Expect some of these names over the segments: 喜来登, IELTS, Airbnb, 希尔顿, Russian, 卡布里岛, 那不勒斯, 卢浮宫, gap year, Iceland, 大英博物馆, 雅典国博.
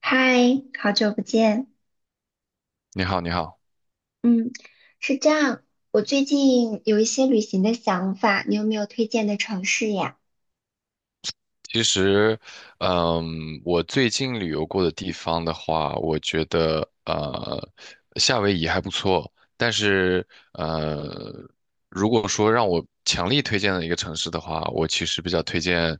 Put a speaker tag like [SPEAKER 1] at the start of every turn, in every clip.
[SPEAKER 1] 嗨，好久不见。
[SPEAKER 2] 你好，你好。
[SPEAKER 1] 嗯，是这样，我最近有一些旅行的想法，你有没有推荐的城市呀？
[SPEAKER 2] 其实，我最近旅游过的地方的话，我觉得夏威夷还不错。但是，呃，如果说让我强力推荐的一个城市的话，我其实比较推荐，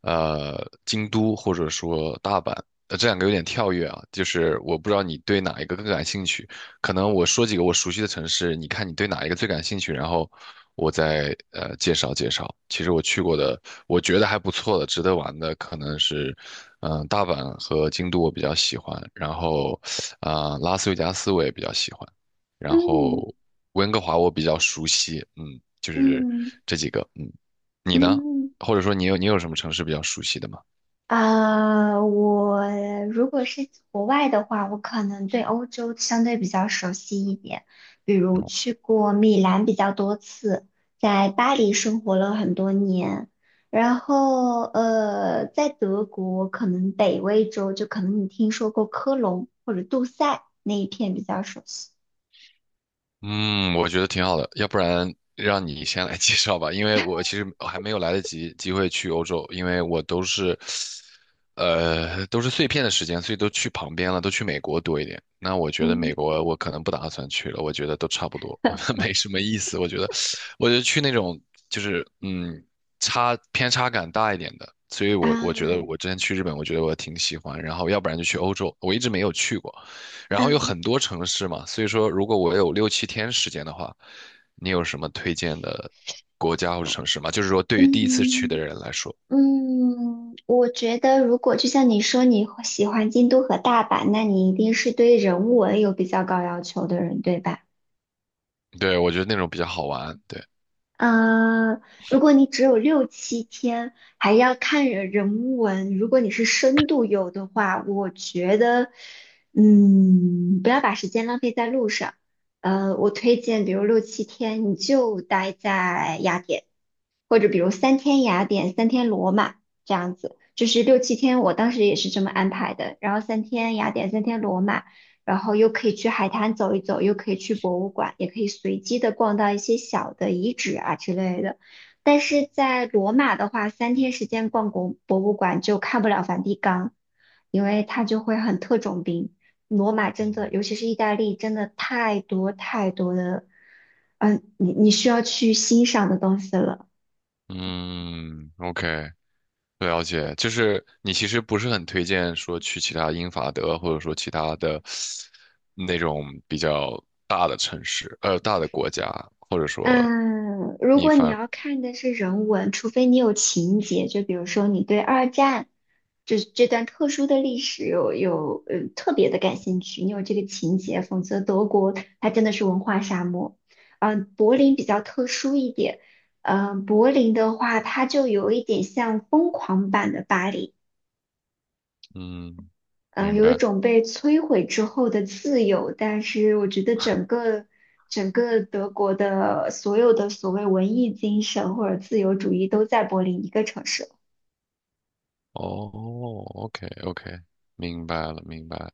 [SPEAKER 2] 呃，京都或者说大阪。这两个有点跳跃啊，就是我不知道你对哪一个更感兴趣。可能我说几个我熟悉的城市，你看你对哪一个最感兴趣，然后我再介绍介绍。其实我去过的，我觉得还不错的，值得玩的可能是，嗯、大阪和京都我比较喜欢，然后啊、拉斯维加斯我也比较喜欢，然
[SPEAKER 1] 嗯
[SPEAKER 2] 后温哥华我比较熟悉，嗯，就是
[SPEAKER 1] 嗯
[SPEAKER 2] 这几个，嗯，你呢？
[SPEAKER 1] 嗯，
[SPEAKER 2] 或者说你有什么城市比较熟悉的吗？
[SPEAKER 1] 我如果是国外的话，我可能对欧洲相对比较熟悉一点，比如去过米兰比较多次，在巴黎生活了很多年，然后在德国可能北威州就可能你听说过科隆或者杜塞那一片比较熟悉。
[SPEAKER 2] 嗯，我觉得挺好的，要不然让你先来 介绍吧，因为我其实还没有来得及机会去欧洲，因为我都是，都是碎片的时间，所以都去旁边了，都去美国多一点。那我觉得
[SPEAKER 1] 嗯
[SPEAKER 2] 美国我可能不打算去了，我觉得都差不多，没什么意思。我觉得，我觉得去那种就是嗯，差偏差感大一点的，所以我觉得
[SPEAKER 1] 啊，
[SPEAKER 2] 我之前去日本，我觉得我挺喜欢，然后要不然就去欧洲，我一直没有去过。然后有
[SPEAKER 1] 嗯
[SPEAKER 2] 很多城市嘛，所以说如果我有六七天时间的话，你有什么推荐的国家或者城市吗？就是说对于第一次去的
[SPEAKER 1] 嗯。
[SPEAKER 2] 人来说，
[SPEAKER 1] 我觉得如果就像你说你会喜欢京都和大阪，那你一定是对人文有比较高要求的人，对吧？
[SPEAKER 2] 对，我觉得那种比较好玩。对，
[SPEAKER 1] 嗯，如果你只有六七天，还要看人文，如果你是深度游的话，我觉得，不要把时间浪费在路上。我推荐，比如六七天，你就待在雅典。或者比如三天雅典、三天罗马这样子，就是六七天，我当时也是这么安排的。然后三天雅典、三天罗马，然后又可以去海滩走一走，又可以去博物馆，也可以随机的逛到一些小的遗址啊之类的。但是在罗马的话，3天时间逛国博物馆就看不了梵蒂冈，因为它就会很特种兵。罗马真
[SPEAKER 2] 嗯，
[SPEAKER 1] 的，尤其是意大利，真的太多太多的，你需要去欣赏的东西了。
[SPEAKER 2] 嗯，OK,了解。就是你其实不是很推荐说去其他英法德或者说其他的那种比较大的城市，大的国家，或者说
[SPEAKER 1] 嗯，如
[SPEAKER 2] 你
[SPEAKER 1] 果你
[SPEAKER 2] 反，
[SPEAKER 1] 要看的是人文，除非你有情节，就比如说你对二战这段特殊的历史有特别的感兴趣，你有这个情节，否则德国它真的是文化沙漠。柏林比较特殊一点，柏林的话，它就有一点像疯狂版的巴黎。
[SPEAKER 2] 嗯，
[SPEAKER 1] 嗯，
[SPEAKER 2] 明
[SPEAKER 1] 有一
[SPEAKER 2] 白。
[SPEAKER 1] 种被摧毁之后的自由，但是我觉得整个德国的所有的所谓文艺精神或者自由主义都在柏林一个城市，
[SPEAKER 2] 哦OK，OK，明白了，明白了。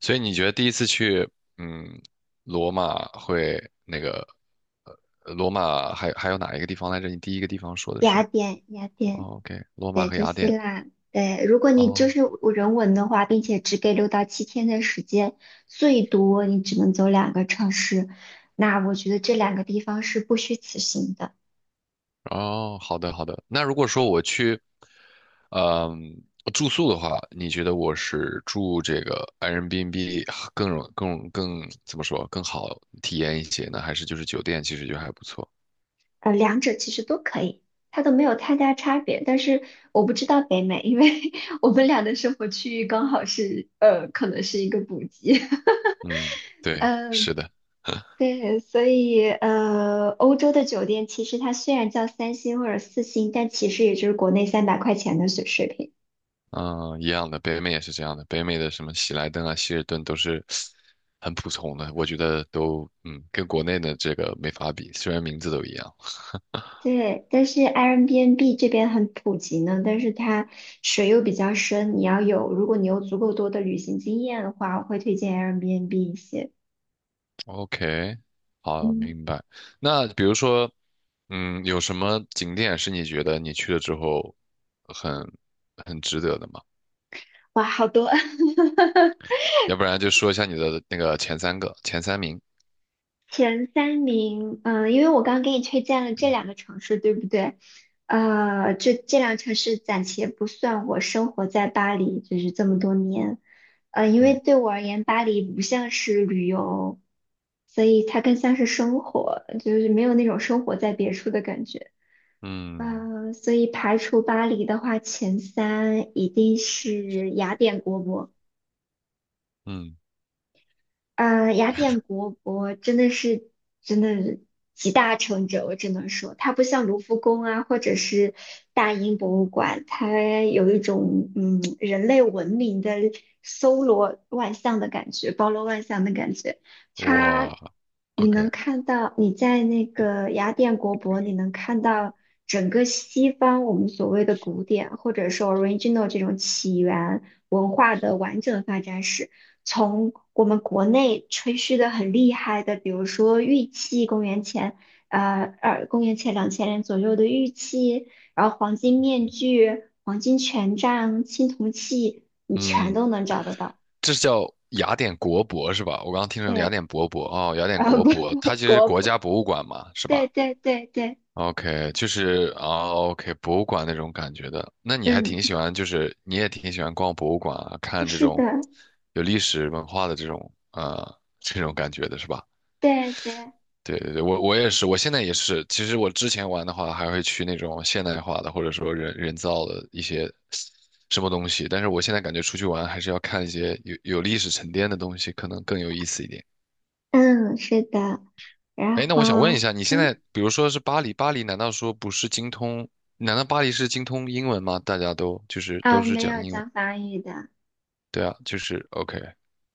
[SPEAKER 2] 所以你觉得第一次去，嗯，罗马会那个，罗马还有哪一个地方来着？你第一个地方说的
[SPEAKER 1] 雅
[SPEAKER 2] 是，
[SPEAKER 1] 典，雅典，
[SPEAKER 2] 哦，OK,罗马
[SPEAKER 1] 对，
[SPEAKER 2] 和
[SPEAKER 1] 就
[SPEAKER 2] 雅
[SPEAKER 1] 希
[SPEAKER 2] 典。
[SPEAKER 1] 腊，对，如果你就
[SPEAKER 2] 哦
[SPEAKER 1] 是人文的话，并且只给6到7天的时间，最多你只能走两个城市，那我觉得这两个地方是不虚此行的。
[SPEAKER 2] 哦，好的好的。那如果说我去，嗯，住宿的话，你觉得我是住这个 Airbnb 更怎么说更好体验一些呢？还是就是酒店其实就还不错？
[SPEAKER 1] 两者其实都可以，它都没有太大差别。但是我不知道北美，因为 我们俩的生活区域刚好是，可能是一个补给。
[SPEAKER 2] 嗯，对，
[SPEAKER 1] 嗯，
[SPEAKER 2] 是的。
[SPEAKER 1] 对，所以欧洲的酒店其实它虽然叫3星或者4星，但其实也就是国内300块钱的水平。
[SPEAKER 2] 嗯，一样的，北美也是这样的。北美的什么喜来登啊、希尔顿都是很普通的，我觉得都嗯跟国内的这个没法比，虽然名字都一样。
[SPEAKER 1] 对，但是 Airbnb 这边很普及呢，但是它水又比较深，你要有，如果你有足够多的旅行经验的话，我会推荐 Airbnb 一些。
[SPEAKER 2] OK,好，
[SPEAKER 1] 嗯，
[SPEAKER 2] 明白。那比如说，嗯，有什么景点是你觉得你去了之后很很值得的吗？
[SPEAKER 1] 哇，好多。
[SPEAKER 2] 要不然就说一下你的那个前三名。
[SPEAKER 1] 前三名，因为我刚刚给你推荐了这两个城市，对不对？这两个城市暂且不算我生活在巴黎，就是这么多年，因
[SPEAKER 2] 嗯
[SPEAKER 1] 为对我而言，巴黎不像是旅游，所以它更像是生活，就是没有那种生活在别处的感觉。
[SPEAKER 2] 嗯
[SPEAKER 1] 所以排除巴黎的话，前三一定是雅典国博。
[SPEAKER 2] 嗯，
[SPEAKER 1] 雅典国博真的是集大成者，我只能说，它不像卢浮宫啊，或者是大英博物馆，它有一种人类文明的搜罗万象的感觉，包罗万象的感觉。它
[SPEAKER 2] 哇
[SPEAKER 1] 你
[SPEAKER 2] ，OK,
[SPEAKER 1] 能看到，你在那个雅典国博，你能看到整个西方我们所谓的古典，或者说 original 这种起源文化的完整发展史。从我们国内吹嘘的很厉害的，比如说玉器，公元前2000年左右的玉器，然后黄金面具、黄金权杖、青铜器，你全
[SPEAKER 2] 嗯。
[SPEAKER 1] 都能找得到。
[SPEAKER 2] 这是叫雅典国博是吧？我刚刚听成雅
[SPEAKER 1] 对，
[SPEAKER 2] 典博博哦，雅典
[SPEAKER 1] 啊
[SPEAKER 2] 国
[SPEAKER 1] 不，
[SPEAKER 2] 博，它 其实是
[SPEAKER 1] 国
[SPEAKER 2] 国
[SPEAKER 1] 博，
[SPEAKER 2] 家博物馆嘛，是
[SPEAKER 1] 对
[SPEAKER 2] 吧
[SPEAKER 1] 对对对，
[SPEAKER 2] ？OK,就是啊，OK,博物馆那种感觉的。那你还
[SPEAKER 1] 嗯，
[SPEAKER 2] 挺喜欢，就是你也挺喜欢逛博物馆啊，看这
[SPEAKER 1] 是
[SPEAKER 2] 种
[SPEAKER 1] 的，
[SPEAKER 2] 有历史文化的这种感觉的是吧？
[SPEAKER 1] 对对，
[SPEAKER 2] 对对对，我也是，我现在也是。其实我之前玩的话，还会去那种现代化的，或者说人造的一些什么东西。但是我现在感觉出去玩还是要看一些有历史沉淀的东西，可能更有意思一点。
[SPEAKER 1] 嗯，是的，然
[SPEAKER 2] 哎，那我想问一
[SPEAKER 1] 后
[SPEAKER 2] 下，你现
[SPEAKER 1] 嗯
[SPEAKER 2] 在比如说是巴黎，巴黎难道说不是精通？难道巴黎是精通英文吗？大家都就是都是
[SPEAKER 1] 没
[SPEAKER 2] 讲
[SPEAKER 1] 有
[SPEAKER 2] 英文，
[SPEAKER 1] 讲法语的。
[SPEAKER 2] 对啊，就是 OK,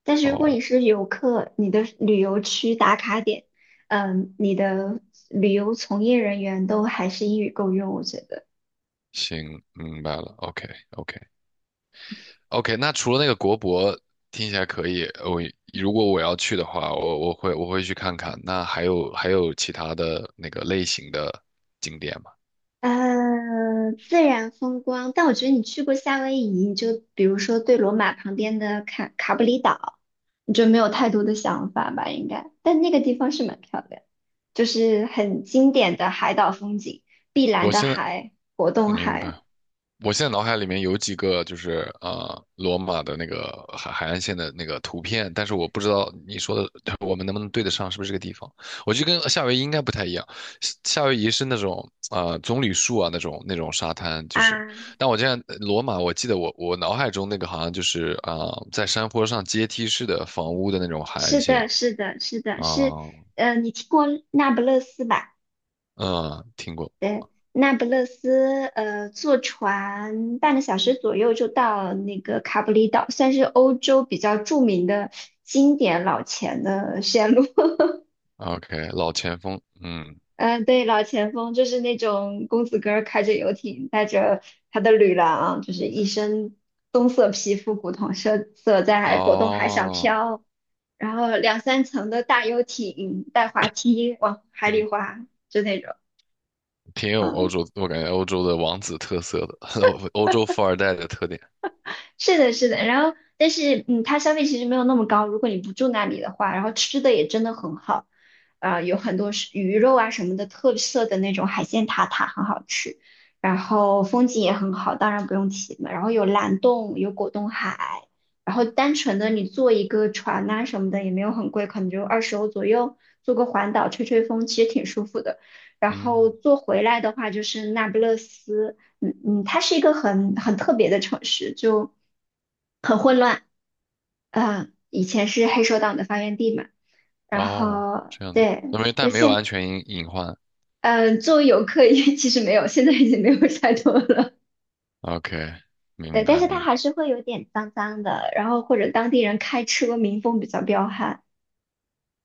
[SPEAKER 1] 但是如果你
[SPEAKER 2] 哦，
[SPEAKER 1] 是游客，你的旅游区打卡点，你的旅游从业人员都还是英语够用，我觉得。
[SPEAKER 2] 行，明白了OK，OK。OK,那除了那个国博听起来可以，我如果我要去的话，我会去看看。那还有其他的那个类型的景点吗？
[SPEAKER 1] 自然风光，但我觉得你去过夏威夷，你就比如说对罗马旁边的卡布里岛，你就没有太多的想法吧，应该。但那个地方是蛮漂亮，就是很经典的海岛风景，碧蓝
[SPEAKER 2] 我
[SPEAKER 1] 的
[SPEAKER 2] 现在
[SPEAKER 1] 海，果冻
[SPEAKER 2] 明
[SPEAKER 1] 海
[SPEAKER 2] 白。我现在脑海里面有几个就是罗马的那个海岸线的那个图片，但是我不知道你说的 我们能不能对得上，是不是这个地方？我觉得跟夏威夷应该不太一样，夏威夷是那种棕榈树啊那种沙滩，就是，
[SPEAKER 1] 啊。
[SPEAKER 2] 但我这样罗马，我记得我脑海中那个好像就是啊、在山坡上阶梯式的房屋的那种海岸
[SPEAKER 1] 是
[SPEAKER 2] 线
[SPEAKER 1] 的，是的，是的，
[SPEAKER 2] 啊，
[SPEAKER 1] 是，你听过那不勒斯吧？
[SPEAKER 2] 嗯，听过
[SPEAKER 1] 对，那不勒斯，坐船半个小时左右就到那个卡布里岛，算是欧洲比较著名的经典老钱的线路。
[SPEAKER 2] ，OK,老前锋，嗯，
[SPEAKER 1] 嗯、对，老钱风就是那种公子哥儿开着游艇，带着他的女郎，就是一身棕色皮肤，古铜色在果冻海上
[SPEAKER 2] 哦。
[SPEAKER 1] 飘，然后两三层的大游艇带滑梯往海里
[SPEAKER 2] 嗯。
[SPEAKER 1] 滑，就那种，
[SPEAKER 2] 挺有
[SPEAKER 1] 啊，
[SPEAKER 2] 欧洲，我感觉欧洲的王子特色的，欧洲富二代的特点。
[SPEAKER 1] 是的，是的，然后但是它消费其实没有那么高，如果你不住那里的话，然后吃的也真的很好，有很多是鱼肉啊什么的特色的那种海鲜塔塔很好吃，然后风景也很好，当然不用提了，然后有蓝洞，有果冻海，然后单纯的你坐一个船呐、什么的也没有很贵，可能就20欧左右，坐个环岛吹吹风，其实挺舒服的。然后
[SPEAKER 2] 嗯，
[SPEAKER 1] 坐回来的话就是那不勒斯。嗯，它是一个很特别的城市，就很混乱，以前是黑手党的发源地嘛，然
[SPEAKER 2] 哦，
[SPEAKER 1] 后
[SPEAKER 2] 这样的，
[SPEAKER 1] 对，
[SPEAKER 2] 那没，
[SPEAKER 1] 对
[SPEAKER 2] 但没有安
[SPEAKER 1] 现，
[SPEAKER 2] 全隐隐患。
[SPEAKER 1] 作为游客也其实没有，现在已经没有太多了，
[SPEAKER 2] OK,
[SPEAKER 1] 对，
[SPEAKER 2] 明
[SPEAKER 1] 但
[SPEAKER 2] 白
[SPEAKER 1] 是它
[SPEAKER 2] 明白。
[SPEAKER 1] 还是会有点脏脏的，然后或者当地人开车民风比较彪悍，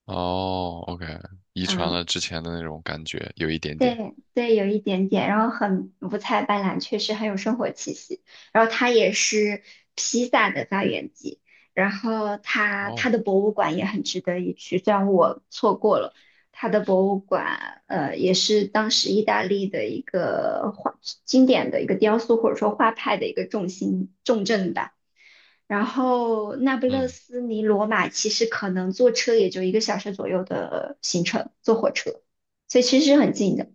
[SPEAKER 2] 哦，OK,遗传
[SPEAKER 1] 嗯、
[SPEAKER 2] 了之前的那种感觉，有一点点。
[SPEAKER 1] 对对，有一点点，然后很五彩斑斓，确实很有生活气息。然后它也是披萨的发源地，然后它它
[SPEAKER 2] 哦，
[SPEAKER 1] 的博物馆也很值得一去，虽然我错过了它的博物馆，也是当时意大利的一个画经典的一个雕塑或者说画派的一个重镇吧。然后那不勒
[SPEAKER 2] 嗯，
[SPEAKER 1] 斯离罗马其实可能坐车也就一个小时左右的行程，坐火车。所以其实是很近的。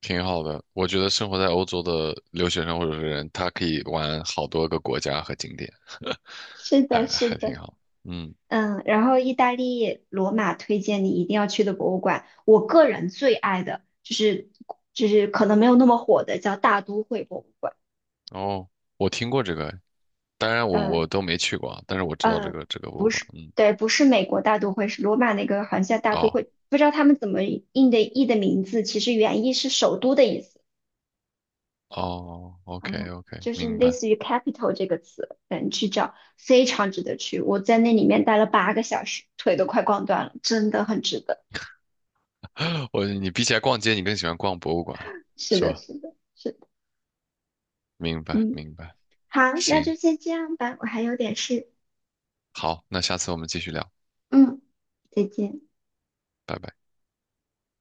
[SPEAKER 2] 挺好的。我觉得生活在欧洲的留学生或者是人，他可以玩好多个国家和景点，
[SPEAKER 1] 是
[SPEAKER 2] 还
[SPEAKER 1] 的，是
[SPEAKER 2] 还
[SPEAKER 1] 的，
[SPEAKER 2] 挺好。嗯，
[SPEAKER 1] 然后意大利罗马推荐你一定要去的博物馆，我个人最爱的就是可能没有那么火的叫大都会博物馆，
[SPEAKER 2] 哦，我听过这个，当然我
[SPEAKER 1] 呃
[SPEAKER 2] 我都没去过啊，但是我知道这
[SPEAKER 1] 呃，
[SPEAKER 2] 个这个博物
[SPEAKER 1] 不
[SPEAKER 2] 馆。
[SPEAKER 1] 是，
[SPEAKER 2] 嗯。
[SPEAKER 1] 对，不是美国大都会，是罗马那个好像叫大都
[SPEAKER 2] 哦，
[SPEAKER 1] 会，不知道他们怎么印的译的名字，其实原意是首都的意思，
[SPEAKER 2] 哦，OK
[SPEAKER 1] 嗯，
[SPEAKER 2] OK,
[SPEAKER 1] 就是
[SPEAKER 2] 明
[SPEAKER 1] 类
[SPEAKER 2] 白。
[SPEAKER 1] 似于 capital 这个词，去找非常值得去，我在那里面待了8个小时，腿都快逛断了，真的很值得，
[SPEAKER 2] 我你比起来逛街，你更喜欢逛博物馆，
[SPEAKER 1] 是
[SPEAKER 2] 是
[SPEAKER 1] 的，
[SPEAKER 2] 吧？
[SPEAKER 1] 是的。是的
[SPEAKER 2] 明白
[SPEAKER 1] 嗯，
[SPEAKER 2] 明白。
[SPEAKER 1] 好，那
[SPEAKER 2] 行，
[SPEAKER 1] 就先这样吧，我还有点事。
[SPEAKER 2] 好，那下次我们继续聊，
[SPEAKER 1] 嗯，再见。
[SPEAKER 2] 拜拜。